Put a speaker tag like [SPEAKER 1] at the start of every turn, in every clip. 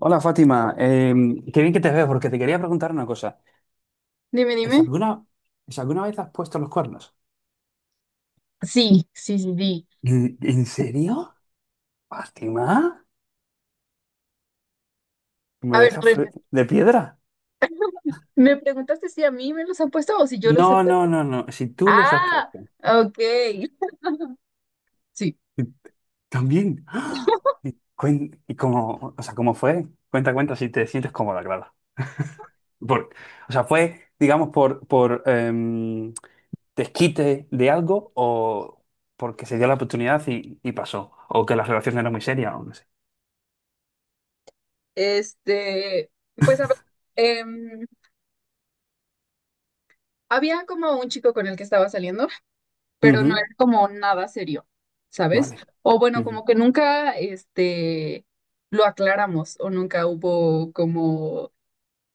[SPEAKER 1] Hola Fátima, qué bien que te veo porque te quería preguntar una cosa.
[SPEAKER 2] Dime,
[SPEAKER 1] ¿Es
[SPEAKER 2] dime.
[SPEAKER 1] alguna, es alguna vez has puesto los cuernos?
[SPEAKER 2] Sí, sí, sí, sí.
[SPEAKER 1] En serio? Fátima, me
[SPEAKER 2] A ver,
[SPEAKER 1] dejas de piedra.
[SPEAKER 2] me preguntaste si a mí me los han puesto o si yo los he...
[SPEAKER 1] No,
[SPEAKER 2] pe-
[SPEAKER 1] no, no, no. Si tú los has
[SPEAKER 2] Ah,
[SPEAKER 1] puesto.
[SPEAKER 2] ok. Sí.
[SPEAKER 1] También. ¡Ah! ¿Y, y cómo, o sea, cómo fue? Cuenta, cuenta si te sientes cómoda, claro. Por, o sea, fue, digamos, por desquite de algo o porque se dio la oportunidad y pasó. O que la relación era muy seria o no sé.
[SPEAKER 2] Este, pues a ver, em, había como un chico con el que estaba saliendo, pero no
[SPEAKER 1] Ujú.
[SPEAKER 2] era como nada serio, ¿sabes?
[SPEAKER 1] Vale.
[SPEAKER 2] O bueno,
[SPEAKER 1] Ujú.
[SPEAKER 2] como que nunca, lo aclaramos o nunca hubo como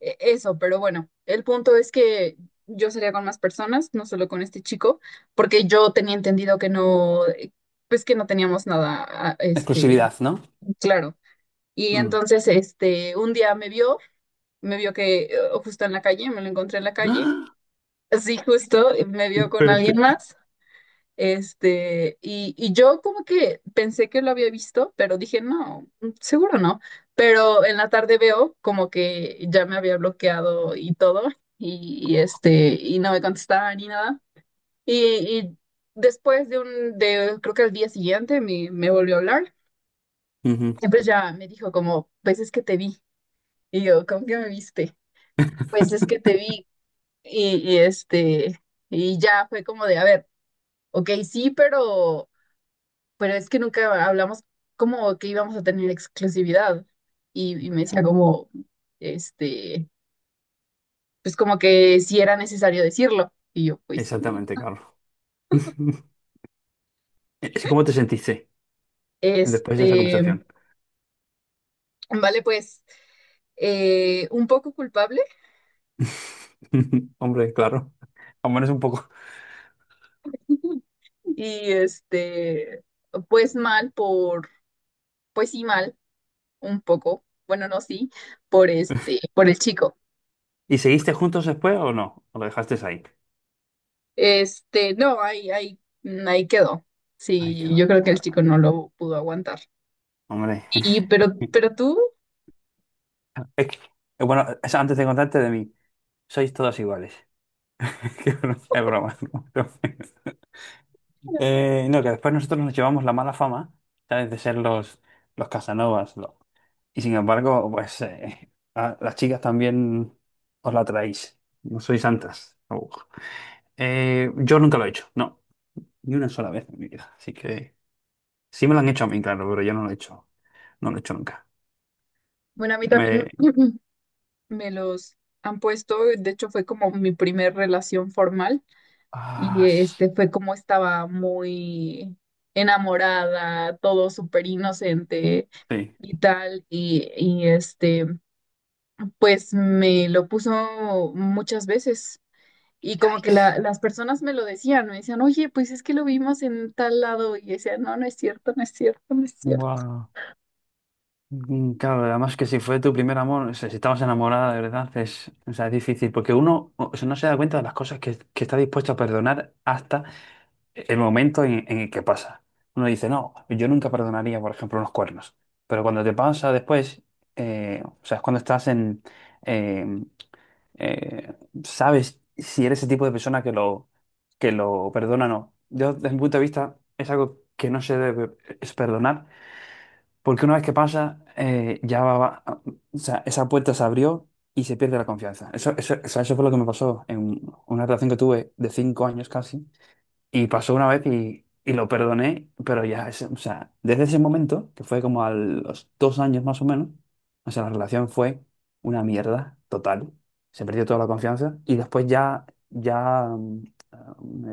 [SPEAKER 2] eso, pero bueno, el punto es que yo salía con más personas, no solo con este chico, porque yo tenía entendido que no, pues que no teníamos nada,
[SPEAKER 1] Exclusividad, ¿no?
[SPEAKER 2] claro. Y
[SPEAKER 1] Mm.
[SPEAKER 2] entonces, un día me vio que justo en la calle, me lo encontré en la calle,
[SPEAKER 1] ¡Ah!
[SPEAKER 2] así justo, me vio con alguien
[SPEAKER 1] Espérate.
[SPEAKER 2] más y yo como que pensé que lo había visto, pero dije, no, seguro no. Pero en la tarde veo como que ya me había bloqueado y todo, y no me contestaba ni nada. Y, y después creo que al día siguiente me volvió a hablar,
[SPEAKER 1] Ujú.
[SPEAKER 2] y pues ya me dijo como, pues es que te vi. Y yo, ¿cómo que me viste? Pues es que te vi. Y, y este, y ya fue como de, a ver, ok, sí, pero es que nunca hablamos como que íbamos a tener exclusividad. Y me decía como, este, pues como que si era necesario decirlo. Y yo, pues sí.
[SPEAKER 1] Exactamente, Carlos. ¿Y cómo te sentiste después de esa
[SPEAKER 2] Este,
[SPEAKER 1] conversación?
[SPEAKER 2] vale, pues un poco culpable.
[SPEAKER 1] Hombre, claro. Al menos un poco.
[SPEAKER 2] Y pues mal por, pues sí mal, un poco, bueno, no sí, por por el chico.
[SPEAKER 1] ¿Y seguiste juntos después o no? ¿O lo dejaste ahí?
[SPEAKER 2] No, ahí quedó.
[SPEAKER 1] Ay, qué
[SPEAKER 2] Sí,
[SPEAKER 1] va.
[SPEAKER 2] yo creo que el
[SPEAKER 1] Claro,
[SPEAKER 2] chico
[SPEAKER 1] claro.
[SPEAKER 2] no lo pudo aguantar.
[SPEAKER 1] Hombre.
[SPEAKER 2] Y pero tú,
[SPEAKER 1] Es que- bueno, antes de contarte de mí, sois todas iguales. Es broma. ¿No? Pero- No, que después nosotros nos llevamos la mala fama, ¿sabes? De ser los Casanovas. Y sin embargo, pues a las chicas también os la traéis. No sois santas. Oh. Yo nunca lo he hecho, no, ni una sola vez en mi vida. Así que sí me lo han hecho a mí, claro, pero yo no lo he hecho. No lo he hecho nunca.
[SPEAKER 2] bueno, a mí también
[SPEAKER 1] Me...
[SPEAKER 2] me los han puesto, de hecho fue como mi primer relación formal y
[SPEAKER 1] Ah,
[SPEAKER 2] fue como estaba muy enamorada, todo súper inocente
[SPEAKER 1] sí.
[SPEAKER 2] y tal, y pues me lo puso muchas veces y como que
[SPEAKER 1] Yikes.
[SPEAKER 2] las personas me lo decían, me decían, oye, pues es que lo vimos en tal lado y yo decía, no, no es cierto, no es cierto, no es cierto.
[SPEAKER 1] Wow. Claro, además que si fue tu primer amor, o sea, si estabas enamorada de verdad, es, o sea, es difícil, porque uno o sea, no se da cuenta de las cosas que está dispuesto a perdonar hasta el momento en el que pasa. Uno dice, no, yo nunca perdonaría, por ejemplo, unos cuernos. Pero cuando te pasa después, o sea, es cuando estás en, eh, eh, sabes si eres ese tipo de persona que lo perdona o no. Yo, desde mi punto de vista, es algo que no se debe es perdonar, porque una vez que pasa, ya va, o sea, esa puerta se abrió y se pierde la confianza. Eso, o sea, eso fue lo que me pasó en una relación que tuve de 5 años casi y pasó una vez y lo perdoné, pero ya, o sea, desde ese momento, que fue como a los 2 años más o menos, o sea, la relación fue una mierda total. Se perdió toda la confianza y después ya, ya, mm,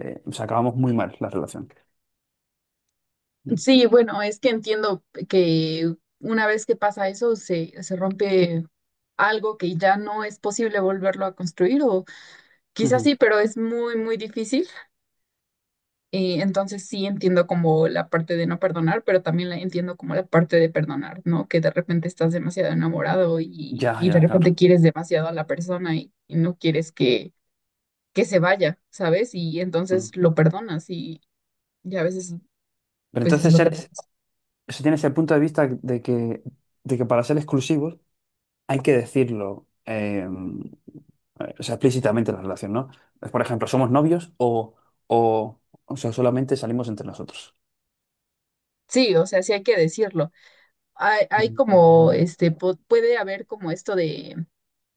[SPEAKER 1] eh, o sea, acabamos muy mal la relación. Mm.
[SPEAKER 2] Sí, bueno, es que entiendo que una vez que pasa eso, se rompe algo que ya no es posible volverlo a construir, o quizás
[SPEAKER 1] Ujú.
[SPEAKER 2] sí, pero es muy, muy difícil. Entonces sí entiendo como la parte de no perdonar, pero también la entiendo como la parte de perdonar, ¿no? Que de repente estás demasiado enamorado y,
[SPEAKER 1] Ya,
[SPEAKER 2] y de
[SPEAKER 1] ya,
[SPEAKER 2] repente
[SPEAKER 1] claro.
[SPEAKER 2] quieres demasiado a la persona y no quieres que, se vaya, ¿sabes? Y
[SPEAKER 1] Mm.
[SPEAKER 2] entonces lo perdonas y a veces
[SPEAKER 1] Pero
[SPEAKER 2] pues es
[SPEAKER 1] entonces
[SPEAKER 2] lo que
[SPEAKER 1] eres,
[SPEAKER 2] pasa.
[SPEAKER 1] o sea, tienes el punto de vista de que para ser exclusivos hay que decirlo o sea, explícitamente en la relación, ¿no? Por ejemplo, ¿somos novios o sea, solamente salimos entre nosotros?
[SPEAKER 2] Sí, o sea, sí hay que decirlo hay como,
[SPEAKER 1] Mm.
[SPEAKER 2] puede haber como esto de,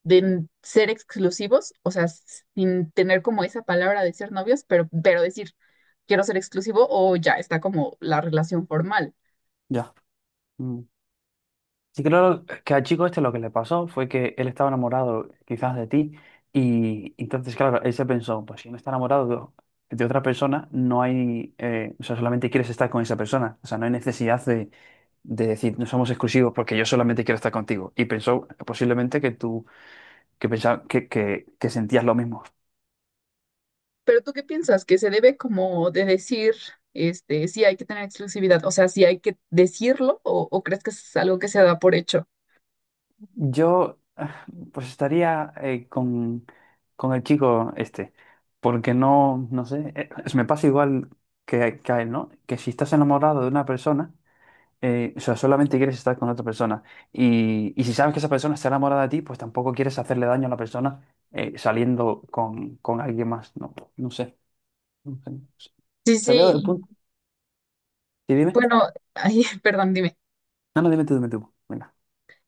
[SPEAKER 2] de ser exclusivos, o sea, sin tener como esa palabra de ser novios, pero decir, quiero ser exclusivo o ya está como la relación formal.
[SPEAKER 1] Ya. Mm. Sí, creo que al chico este lo que le pasó fue que él estaba enamorado quizás de ti y entonces, claro, él se pensó, pues si no está enamorado de otra persona, no hay, o sea, solamente quieres estar con esa persona, o sea, no hay necesidad de decir, no somos exclusivos porque yo solamente quiero estar contigo. Y pensó posiblemente que tú que pensaba que, que sentías lo mismo.
[SPEAKER 2] Pero ¿tú qué piensas? Que se debe como de decir, si hay que tener exclusividad, o sea, si hay que decirlo o crees que es algo que se da por hecho.
[SPEAKER 1] Yo pues estaría con el chico este, porque no, no sé, se me pasa igual que a él, ¿no? Que si estás enamorado de una persona, o sea, solamente quieres estar con otra persona. Y si sabes que esa persona está enamorada de ti, pues tampoco quieres hacerle daño a la persona saliendo con alguien más. No, no sé. No sé.
[SPEAKER 2] Sí,
[SPEAKER 1] Se veo el
[SPEAKER 2] sí,
[SPEAKER 1] punto. Sí, dime.
[SPEAKER 2] bueno, ay, perdón, dime.
[SPEAKER 1] No, no, dime tú, dime tú. Venga.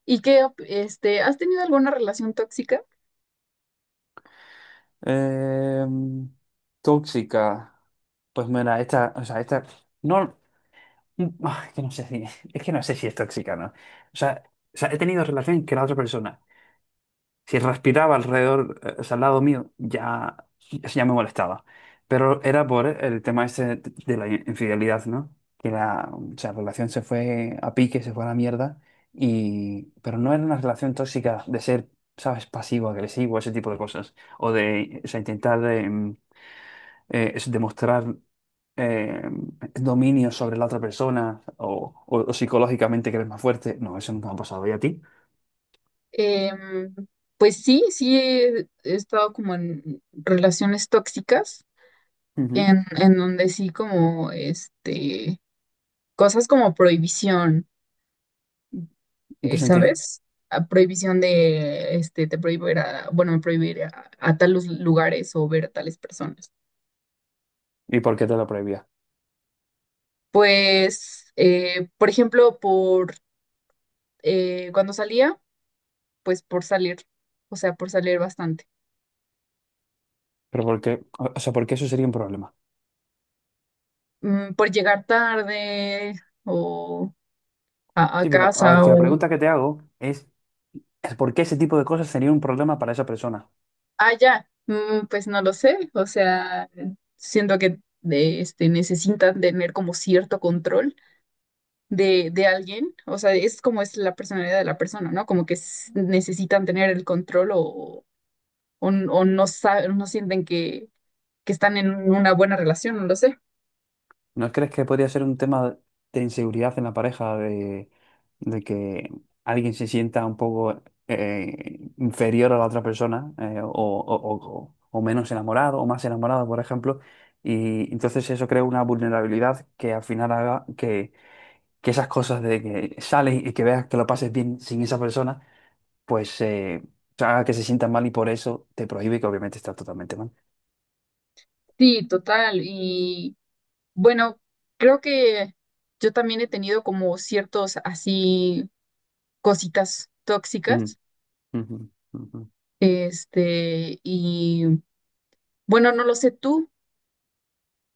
[SPEAKER 2] ¿Y qué, has tenido alguna relación tóxica?
[SPEAKER 1] Em, Tóxica. Pues mira, esta, o sea, esta, no, ah, que no sé si, es que no sé si es tóxica, ¿no? Sea, o sea, he tenido relación que la otra persona, si respiraba alrededor, o sea, al lado mío, ya, eso ya me molestaba. Pero era por el tema ese de la infidelidad, ¿no? Que la, o sea, la relación se fue a pique, se fue a la mierda, y, pero no era una relación tóxica de ser, ¿sabes? Pasivo, agresivo, ese tipo de cosas. O de, o sea, intentar es demostrar eh, dominio sobre la otra persona o, o psicológicamente que eres más fuerte. No, eso nunca me ha pasado. ¿Y a ti?
[SPEAKER 2] Em, pues sí, sí he estado como en relaciones tóxicas,
[SPEAKER 1] Ujú.
[SPEAKER 2] en donde sí como, cosas como prohibición,
[SPEAKER 1] ¿En qué sentido?
[SPEAKER 2] ¿sabes? A prohibición de, te prohíbo ir a, bueno, me prohíbo ir a, tales lugares o ver a tales personas.
[SPEAKER 1] ¿Y por qué te lo prohibía?
[SPEAKER 2] Pues, por ejemplo, cuando salía, pues por salir, o sea, por salir bastante.
[SPEAKER 1] Pero porque, o sea, porque eso sería un problema.
[SPEAKER 2] Por llegar tarde o a
[SPEAKER 1] Sí, pero a ver,
[SPEAKER 2] casa
[SPEAKER 1] que la
[SPEAKER 2] o.
[SPEAKER 1] pregunta que te hago es ¿por qué ese tipo de cosas sería un problema para esa persona?
[SPEAKER 2] Ah, ya. Pues no lo sé, o sea, siento que necesitan tener como cierto control de alguien, o sea, es como es la personalidad de la persona, ¿no? Como que necesitan tener el control o no saben, no sienten que, están en una buena relación, no lo sé.
[SPEAKER 1] ¿No crees que podría ser un tema de inseguridad en la pareja, de que alguien se sienta un poco inferior a la otra persona, o, o menos enamorado, o más enamorado, por ejemplo? Y entonces eso crea una vulnerabilidad que al final haga que esas cosas de que sales y que veas que lo pases bien sin esa persona, pues haga que se sienta mal y por eso te prohíbe que obviamente está totalmente mal.
[SPEAKER 2] Sí, total, y bueno, creo que yo también he tenido como ciertos así cositas
[SPEAKER 1] Ujú,
[SPEAKER 2] tóxicas,
[SPEAKER 1] ujú, ujú.
[SPEAKER 2] este, y... Bueno, no lo sé tú,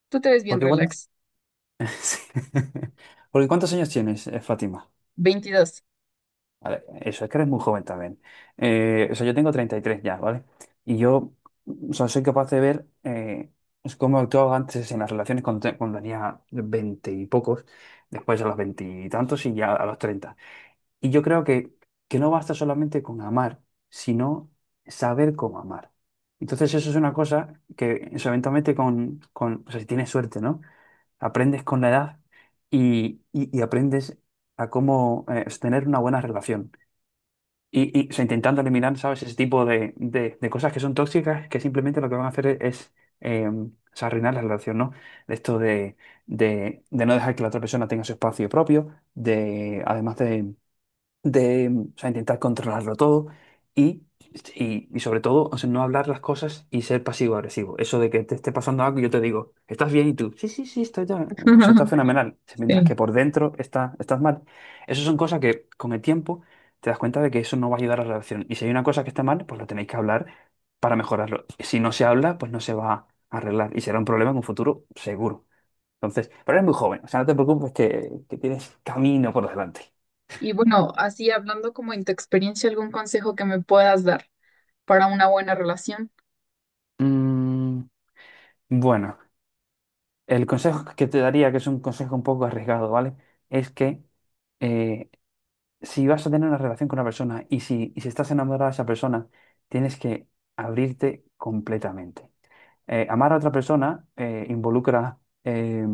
[SPEAKER 2] tú te ves bien
[SPEAKER 1] Porque igual
[SPEAKER 2] relax.
[SPEAKER 1] Sí. Porque ¿cuántos años tienes, Fátima?
[SPEAKER 2] 22.
[SPEAKER 1] Vale, eso, es que eres muy joven también. O sea, yo tengo 33 ya, ¿vale? Y yo, o sea, soy capaz de ver pues cómo actuaba antes en las relaciones cuando, cuando tenía 20 y pocos, después a los 20 y tantos y ya a los 30. Y yo creo que no basta solamente con amar, sino saber cómo amar. Entonces eso es una cosa que o sea, eventualmente con, o sea, si tienes suerte, ¿no? Aprendes con la edad y, y aprendes a cómo tener una buena relación. Y, o sea, intentando eliminar, ¿sabes? Ese tipo de, de cosas que son tóxicas, que simplemente lo que van a hacer es, o sea, arruinar la relación, ¿no? De esto de no dejar que la otra persona tenga su espacio propio, de, además de o sea, intentar controlarlo todo y, y sobre todo o sea, no hablar las cosas y ser pasivo-agresivo. Eso de que te esté pasando algo y yo te digo, ¿estás bien? Y tú, sí, sí, sí, estoy ya, o sea, está fenomenal. Mientras
[SPEAKER 2] Sí.
[SPEAKER 1] que por dentro está, estás mal. Eso son cosas que con el tiempo te das cuenta de que eso no va a ayudar a la relación. Y si hay una cosa que está mal, pues lo tenéis que hablar para mejorarlo. Si no se habla, pues no se va a arreglar y será un problema en un futuro seguro. Entonces, pero eres muy joven, o sea, no te preocupes que tienes camino por delante.
[SPEAKER 2] Y bueno, así hablando como en tu experiencia, algún consejo que me puedas dar para una buena relación.
[SPEAKER 1] Mm, Bueno, el consejo que te daría, que es un consejo un poco arriesgado, ¿vale? Es que eh, si vas a tener una relación con una persona y si estás enamorada de esa persona, tienes que abrirte completamente. Amar a otra persona involucra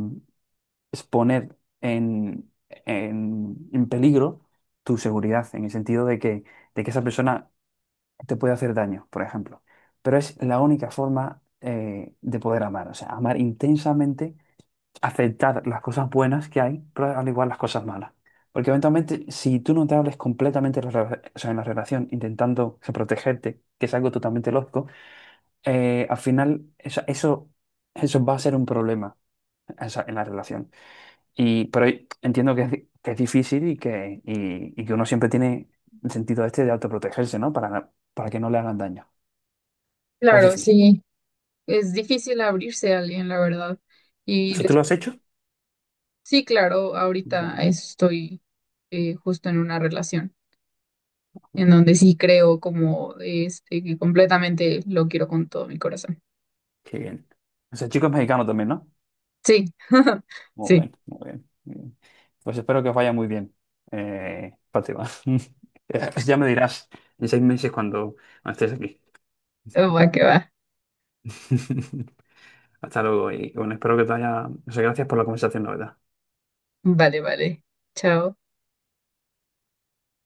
[SPEAKER 1] exponer en en peligro tu seguridad, en el sentido de que esa persona te puede hacer daño, por ejemplo. Pero es la única forma de poder amar, o sea, amar intensamente aceptar las cosas buenas que hay, pero al igual las cosas malas. Porque eventualmente, si tú no te hables completamente la o sea, en la relación, intentando o sea, protegerte, que es algo totalmente lógico, al final o sea, eso va a ser un problema o sea, en la relación. Y, pero entiendo que es, que es difícil y que uno siempre tiene el sentido este de autoprotegerse, ¿no? Para que no le hagan daño. Pero es
[SPEAKER 2] Claro,
[SPEAKER 1] difícil.
[SPEAKER 2] sí, es difícil abrirse a alguien, la verdad. Y
[SPEAKER 1] ¿Eso tú lo has hecho?
[SPEAKER 2] sí, claro, ahorita
[SPEAKER 1] Completamente.
[SPEAKER 2] estoy justo en una relación
[SPEAKER 1] Muy
[SPEAKER 2] en
[SPEAKER 1] bien.
[SPEAKER 2] donde sí creo como que completamente lo quiero con todo mi corazón.
[SPEAKER 1] Qué bien. O sea, chico es mexicano también, ¿no?
[SPEAKER 2] Sí,
[SPEAKER 1] Muy
[SPEAKER 2] sí,
[SPEAKER 1] bien, muy bien. Muy bien. Pues espero que os vaya muy bien, Fátima. Ya me dirás en 6 meses cuando, cuando estés aquí.
[SPEAKER 2] oh, va que va.
[SPEAKER 1] Hasta luego y bueno, espero que te haya... o sea, gracias por la conversación, la verdad.
[SPEAKER 2] Vale, vale. Chao.